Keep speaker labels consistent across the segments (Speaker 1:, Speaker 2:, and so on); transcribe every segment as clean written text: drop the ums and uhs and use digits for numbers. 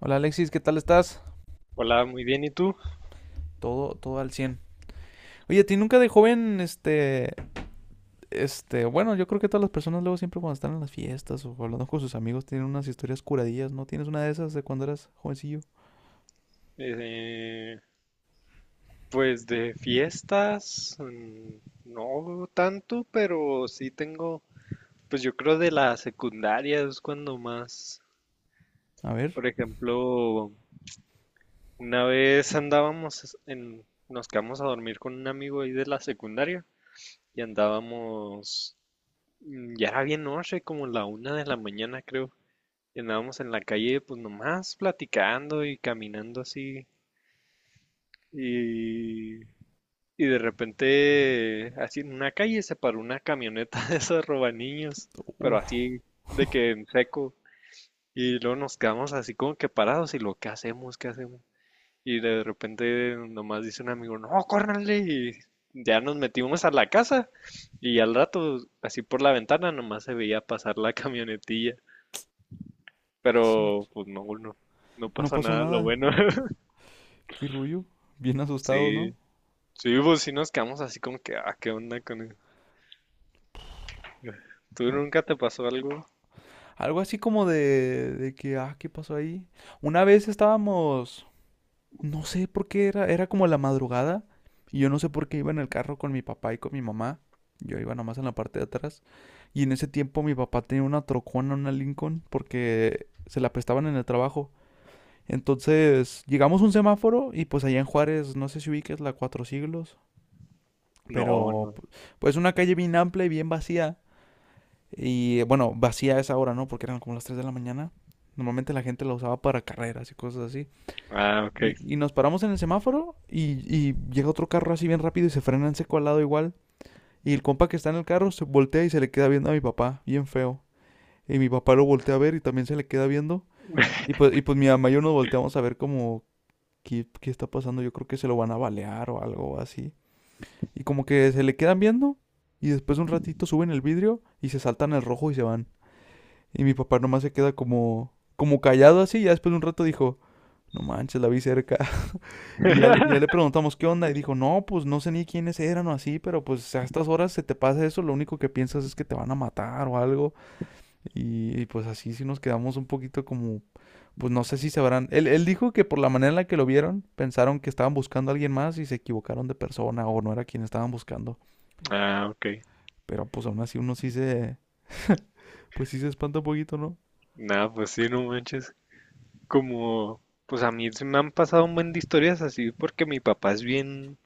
Speaker 1: Hola Alexis, ¿qué tal estás?
Speaker 2: Hola, muy bien, ¿y tú?
Speaker 1: Todo, todo al 100. Oye, ¿a ti nunca de joven, bueno, yo creo que todas las personas luego siempre cuando están en las fiestas o hablando con sus amigos tienen unas historias curadillas, ¿no? ¿Tienes una de esas de cuando eras jovencillo?
Speaker 2: Eh, pues de fiestas, no tanto, pero sí tengo, pues yo creo de la secundaria es cuando más,
Speaker 1: A ver.
Speaker 2: por ejemplo, una vez nos quedamos a dormir con un amigo ahí de la secundaria y andábamos, ya era bien noche, como la una de la mañana creo, y andábamos en la calle pues nomás platicando y caminando así. Y Y de repente, así en una calle se paró una camioneta de esos robaniños, pero
Speaker 1: Uf,
Speaker 2: así de que en seco. Y luego nos quedamos así como que parados ¿qué hacemos? ¿Qué hacemos? Y de repente nomás dice un amigo, no, córranle. Y ya nos metimos a la casa y al rato, así por la ventana, nomás se veía pasar la camionetilla. Pero pues no
Speaker 1: no
Speaker 2: pasó
Speaker 1: pasó
Speaker 2: nada, lo
Speaker 1: nada.
Speaker 2: bueno.
Speaker 1: Qué rullo. Bien asustados, ¿no?
Speaker 2: Sí, sí, pues sí nos quedamos así como que, ah, ¿qué onda con él? ¿Tú
Speaker 1: No.
Speaker 2: nunca te pasó algo?
Speaker 1: Algo así como de que, ah, ¿qué pasó ahí? Una vez estábamos. No sé por qué era como la madrugada y yo no sé por qué iba en el carro con mi papá y con mi mamá. Yo iba nomás en la parte de atrás, y en ese tiempo mi papá tenía una trocona, una Lincoln, porque se la prestaban en el trabajo. Entonces llegamos a un semáforo y pues allá en Juárez, no sé si ubiques la Cuatro Siglos,
Speaker 2: No,
Speaker 1: pero
Speaker 2: no.
Speaker 1: pu- pues una calle bien amplia y bien vacía. Y bueno, vacía a esa hora, ¿no? Porque eran como las 3 de la mañana. Normalmente la gente la usaba para carreras y cosas así.
Speaker 2: Ah, ok.
Speaker 1: Y nos paramos en el semáforo, y llega otro carro así bien rápido y se frena en seco al lado igual. Y el compa que está en el carro se voltea y se le queda viendo a mi papá, bien feo. Y mi papá lo voltea a ver y también se le queda viendo. Y pues, y pues mi mamá y yo nos volteamos a ver como qué está pasando. Yo creo que se lo van a balear o algo así. Y como que se le quedan viendo y después un ratito suben el vidrio y se saltan el rojo y se van. Y mi papá nomás se queda como, como callado así. Y ya después de un rato dijo, no manches, la vi cerca. Y ya ya le preguntamos qué onda y dijo, no, pues no sé ni quiénes eran o así, pero pues a estas horas se te pasa eso, lo único que piensas es que te van a matar o algo. Pues así sí nos quedamos un poquito como, pues no sé si se habrán... Él dijo que por la manera en la que lo vieron, pensaron que estaban buscando a alguien más y se equivocaron de persona o no era quien estaban buscando.
Speaker 2: Ah, ok.
Speaker 1: Pero pues aún así uno sí se... Pues sí se espanta un poquito, ¿no?
Speaker 2: Nada, pues sí, no manches. Como, pues a mí se me han pasado un buen de historias así porque mi papá es bien,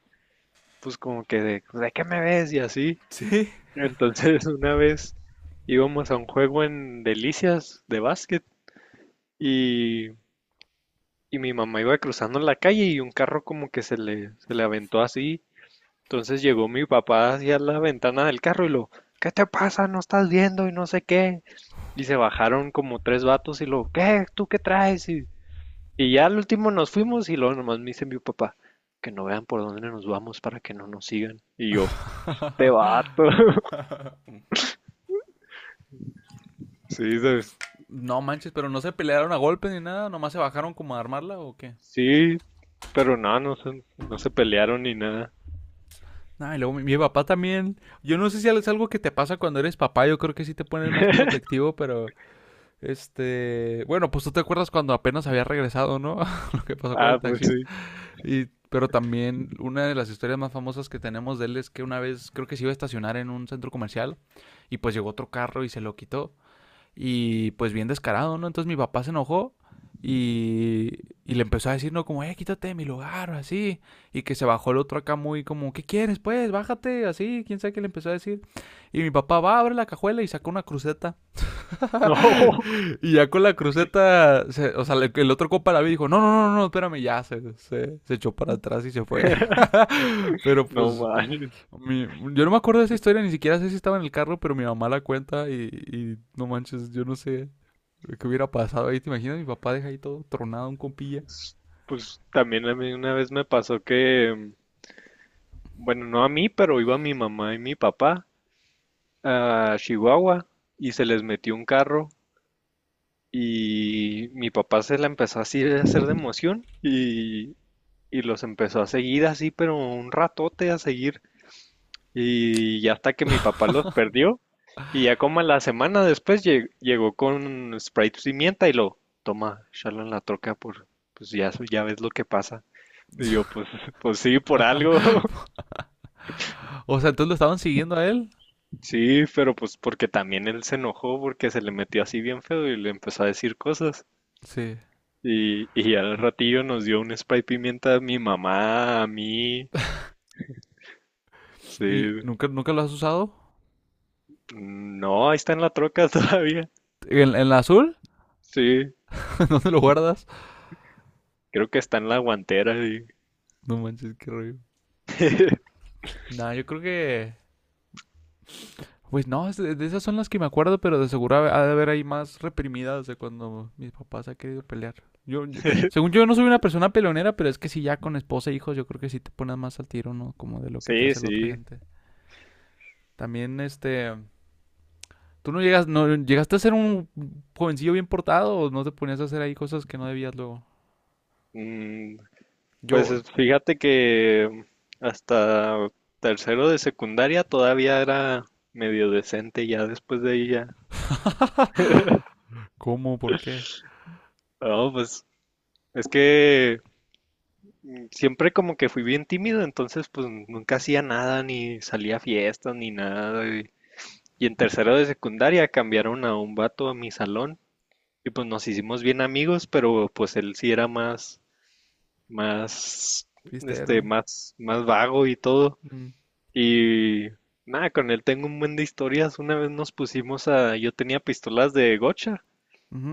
Speaker 2: pues como que de, "Pues, ¿de qué me ves?" Y así.
Speaker 1: Sí.
Speaker 2: Entonces una vez íbamos a un juego en Delicias de básquet y, y mi mamá iba cruzando la calle y un carro como que se le aventó así. Entonces llegó mi papá hacia la ventana del carro ¿qué te pasa? No estás viendo y no sé qué. Y se bajaron como tres vatos ¿qué? ¿Tú qué traes? Y ya al último nos fuimos y luego nomás me dice mi papá, que no vean por dónde nos vamos para que no nos sigan. Y yo, te vato. Sí, ¿sabes?
Speaker 1: No manches, pero no se pelearon a golpes ni nada, nomás se bajaron como a armarla o qué.
Speaker 2: Sí, pero no, no se pelearon ni nada.
Speaker 1: Ah, y luego mi papá también. Yo no sé si es algo que te pasa cuando eres papá. Yo creo que sí te pones más protectivo, pero este. Bueno, pues tú te acuerdas cuando apenas había regresado, ¿no? Lo que pasó con
Speaker 2: Ah,
Speaker 1: el
Speaker 2: pues
Speaker 1: taxista.
Speaker 2: sí.
Speaker 1: Y, pero también una de las historias más famosas que tenemos de él es que una vez creo que se iba a estacionar en un centro comercial y pues llegó otro carro y se lo quitó. Y pues bien descarado, ¿no? Entonces mi papá se enojó y le empezó a decir, ¿no? Como, quítate de mi lugar, o así. Y que se bajó el otro acá muy como, ¿qué quieres, pues? Bájate, así. ¿Quién sabe qué le empezó a decir? Y mi papá va, abre la cajuela y saca una cruceta.
Speaker 2: No,
Speaker 1: Y ya con la cruceta, o sea, el otro compa la vi y dijo, no, no, no, no, no, espérame, ya se echó para atrás y se fue. Pero
Speaker 2: no
Speaker 1: pues,
Speaker 2: manches.
Speaker 1: mi- yo no me acuerdo de esa historia, ni siquiera sé si estaba en el carro, pero mi mamá la cuenta, y no manches, yo no sé. ¿Qué hubiera pasado ahí? ¿Te imaginas? Mi papá deja ahí todo tronado, un compilla.
Speaker 2: Pues también a mí una vez me pasó que bueno, no a mí, pero iba mi mamá y mi papá a Chihuahua y se les metió un carro y mi papá se la empezó así a hacer de emoción y los empezó a seguir así, pero un ratote a seguir, y ya hasta que mi papá los perdió y ya como a la semana después llegó con Sprite pimienta y lo toma, échalo en la troca por, pues ya, ya ves lo que pasa. Y yo, pues, pues sí, por algo.
Speaker 1: O sea, entonces lo estaban siguiendo a él.
Speaker 2: Sí, pero pues porque también él se enojó porque se le metió así bien feo y le empezó a decir cosas.
Speaker 1: Sí.
Speaker 2: Y al ratillo nos dio un spray pimienta a mi mamá, a mí. Sí.
Speaker 1: ¿Y nunca, nunca lo has usado?
Speaker 2: No, ahí está en la troca todavía.
Speaker 1: ¿En la azul?
Speaker 2: Sí,
Speaker 1: ¿Dónde lo guardas?
Speaker 2: creo que está en la guantera.
Speaker 1: No manches, qué rollo.
Speaker 2: Sí,
Speaker 1: Nah, yo creo que. Pues no, de esas son las que me acuerdo, pero de seguro ha de haber ahí más reprimidas de cuando mis papás han querido pelear. Yo, yo- según yo, no soy una persona peleonera, pero es que si ya con esposa e hijos, yo creo que sí te pones más al tiro, ¿no? Como de lo que te
Speaker 2: sí.
Speaker 1: hace la otra
Speaker 2: Sí.
Speaker 1: gente. También, este. ¿Tú no, llegas, no llegaste a ser un jovencillo bien portado o no te ponías a hacer ahí cosas que no debías luego?
Speaker 2: Mm, pues
Speaker 1: Yo.
Speaker 2: fíjate que hasta tercero de secundaria todavía era medio decente, ya después de ahí ya.
Speaker 1: ¿Cómo? ¿Por qué?
Speaker 2: No, pues es que siempre como que fui bien tímido, entonces pues nunca hacía nada, ni salía a fiestas, ni nada. Y en tercero de secundaria cambiaron a un vato a mi salón y pues nos hicimos bien amigos, pero pues él sí era más, este,
Speaker 1: Cristero.
Speaker 2: más vago y todo.
Speaker 1: Mm.
Speaker 2: Y nada, con él tengo un buen de historias. Una vez nos pusimos a, yo tenía pistolas de gocha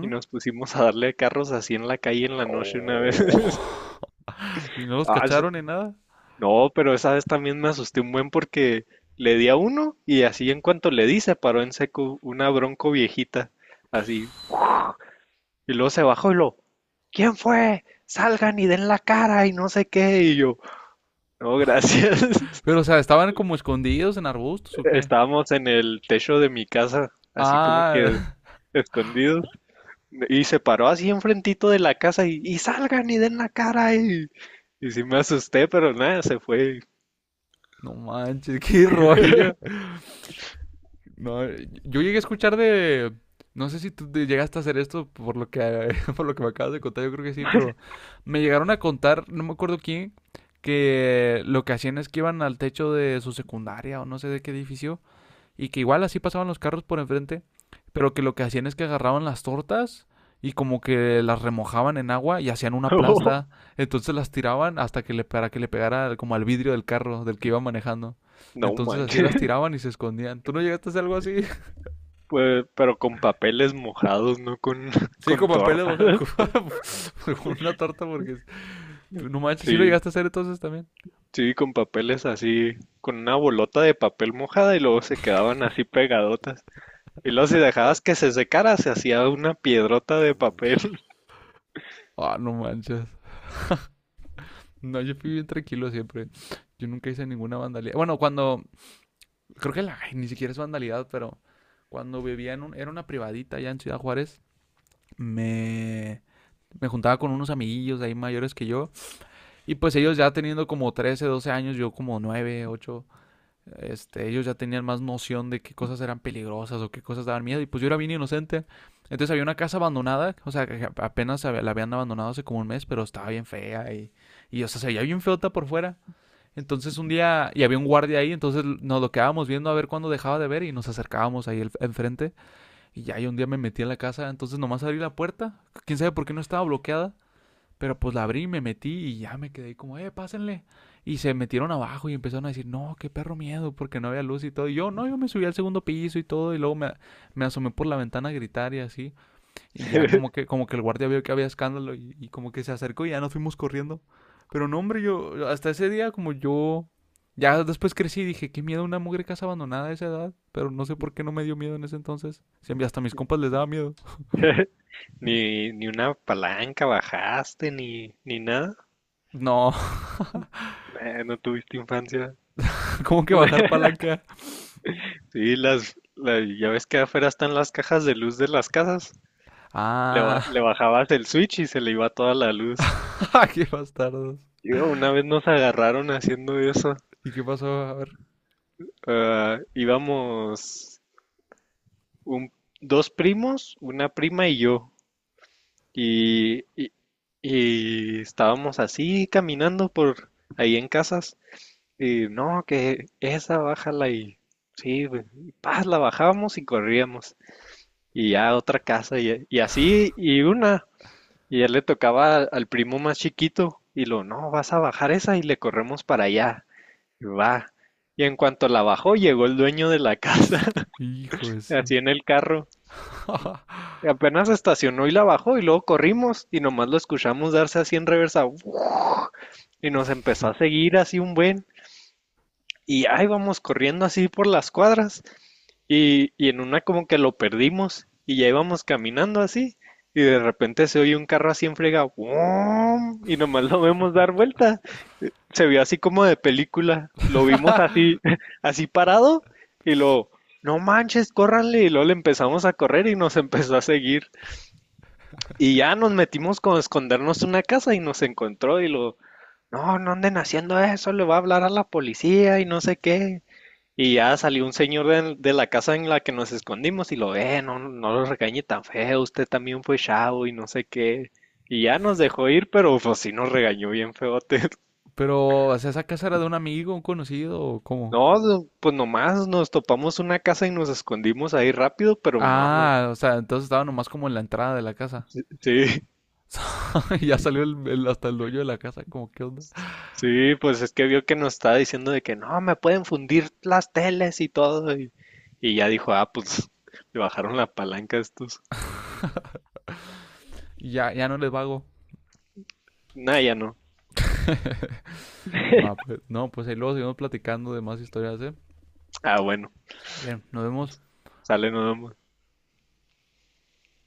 Speaker 2: y nos pusimos a darle carros así en la calle en la noche una vez.
Speaker 1: Oh. ¿Y no los
Speaker 2: Ah,
Speaker 1: cacharon ni nada?
Speaker 2: no, pero esa vez también me asusté un buen porque le di a uno, y así en cuanto le di se paró en seco una bronco viejita, así. Y luego se bajó ¿quién fue? Salgan y den la cara y no sé qué. Y yo, no, gracias.
Speaker 1: Pero, o sea, ¿estaban como escondidos en arbustos o qué?
Speaker 2: Estábamos en el techo de mi casa, así como
Speaker 1: Ah,
Speaker 2: que escondidos. Y se paró así enfrentito de la casa y salgan y den la cara. Y sí me asusté, pero nada, se fue.
Speaker 1: no manches, qué rollo. No, yo llegué a escuchar de. No sé si tú te llegaste a hacer esto por lo que, por lo que me acabas de contar, yo creo que sí, pero me llegaron a contar, no me acuerdo quién, que lo que hacían es que iban al techo de su secundaria o no sé de qué edificio y que igual así pasaban los carros por enfrente, pero que lo que hacían es que agarraban las tortas y como que las remojaban en agua y hacían una plasta, entonces las tiraban hasta que le para que le pegara como al vidrio del carro del que iba manejando.
Speaker 2: No
Speaker 1: Entonces así
Speaker 2: manches.
Speaker 1: las tiraban y se escondían. ¿Tú no llegaste a hacer algo así?
Speaker 2: Pues, pero con papeles mojados, no con,
Speaker 1: Sí, con
Speaker 2: con
Speaker 1: papeles
Speaker 2: torta.
Speaker 1: baja con una torta porque no manches,
Speaker 2: Sí,
Speaker 1: sí lo llegaste a hacer entonces también.
Speaker 2: sí, con papeles así, con una bolota de papel mojada y luego se quedaban así pegadotas. Y luego si dejabas que se secara, se hacía una piedrota de papel.
Speaker 1: Ah, no manches. No, yo fui bien tranquilo siempre. Yo nunca hice ninguna vandalía. Bueno, cuando creo que ni siquiera es vandalidad, pero cuando vivía en un, era una privadita allá en Ciudad Juárez, me, me juntaba con unos amiguillos ahí mayores que yo. Y pues ellos ya teniendo como 13 12 años, yo como 9 8, ellos ya tenían más noción de qué cosas eran peligrosas o qué cosas daban miedo. Y pues yo era bien inocente. Entonces había una casa abandonada, o sea, que apenas la habían abandonado hace como un mes, pero estaba bien fea y o sea, se veía bien feota por fuera. Entonces un día, y había un guardia ahí, entonces nos lo quedábamos viendo a ver cuándo dejaba de ver y nos acercábamos ahí enfrente. Y ya, y un día me metí en la casa, entonces nomás abrí la puerta. Quién sabe por qué no estaba bloqueada, pero pues la abrí, me metí y ya me quedé ahí como, pásenle. Y se metieron abajo y empezaron a decir, no, qué perro miedo, porque no había luz y todo. Y yo, no, yo me subí al segundo piso y todo, y luego me asomé por la ventana a gritar y así. Y ya como que, como que el guardia vio que había escándalo, y como que se acercó y ya nos fuimos corriendo. Pero no, hombre, yo hasta ese día como yo... Ya después crecí y dije, qué miedo una mugre casa abandonada a esa edad. Pero no sé por qué no me dio miedo en ese entonces. Si hasta a mis compas les daba miedo.
Speaker 2: Ni una palanca bajaste, ni nada.
Speaker 1: No.
Speaker 2: No tuviste infancia.
Speaker 1: ¿Cómo que bajar palanca?
Speaker 2: Sí, ya ves que afuera están las cajas de luz de las casas. Le, le
Speaker 1: Ah,
Speaker 2: bajabas el switch y se le iba toda la luz.
Speaker 1: qué bastardos.
Speaker 2: Yo, una vez nos agarraron haciendo eso.
Speaker 1: ¿Y qué pasó? A ver.
Speaker 2: Ah, íbamos un, dos primos, una prima y yo. Y, y, y estábamos así caminando por ahí en casas. Y no, que esa bájala y sí, güey, y paz, la bajábamos y corríamos. Y ya otra casa y así y una. Y ya le tocaba al, primo más chiquito. Y lo, no, vas a bajar esa y le corremos para allá. Va. Y en cuanto la bajó, llegó el dueño de la casa,
Speaker 1: Hijo eso.
Speaker 2: así en el carro. Apenas estacionó y la bajó y luego corrimos y nomás lo escuchamos darse así en reversa. Y nos empezó a seguir así un buen. Y ahí vamos corriendo así por las cuadras y en una como que lo perdimos y ya íbamos caminando así y de repente se oye un carro así en frega ¡guam! Y nomás lo vemos dar vuelta, se vio así como de película. Lo vimos así, así parado y lo, no manches, córranle. Y luego le empezamos a correr y nos empezó a seguir. Y ya nos metimos con escondernos en una casa y nos encontró y lo, no, no anden haciendo eso, le va a hablar a la policía y no sé qué. Y ya salió un señor de la casa en la que nos escondimos y lo, no, no lo regañe tan feo, usted también fue chavo y no sé qué. Y ya nos dejó ir, pero pues sí nos regañó bien feote.
Speaker 1: Pero, o sea, ¿esa casa era de un amigo, un conocido o cómo?
Speaker 2: No, no, pues nomás nos topamos una casa y nos escondimos ahí rápido, pero no, no.
Speaker 1: Ah, o sea, entonces estaba nomás como en la entrada de la casa.
Speaker 2: Sí,
Speaker 1: Y ya salió hasta el dueño de la casa, como, ¿qué onda?
Speaker 2: sí, pues es que vio que nos estaba diciendo de que no, me pueden fundir las teles y todo. Y ya dijo, ah, pues le bajaron la palanca a estos.
Speaker 1: Y ya, ya no les vago.
Speaker 2: Nah, ya no.
Speaker 1: Va, pues, no, pues ahí luego seguimos platicando de más historias, ¿eh?
Speaker 2: Ah, bueno,
Speaker 1: Sale, nos vemos.
Speaker 2: sale nomás.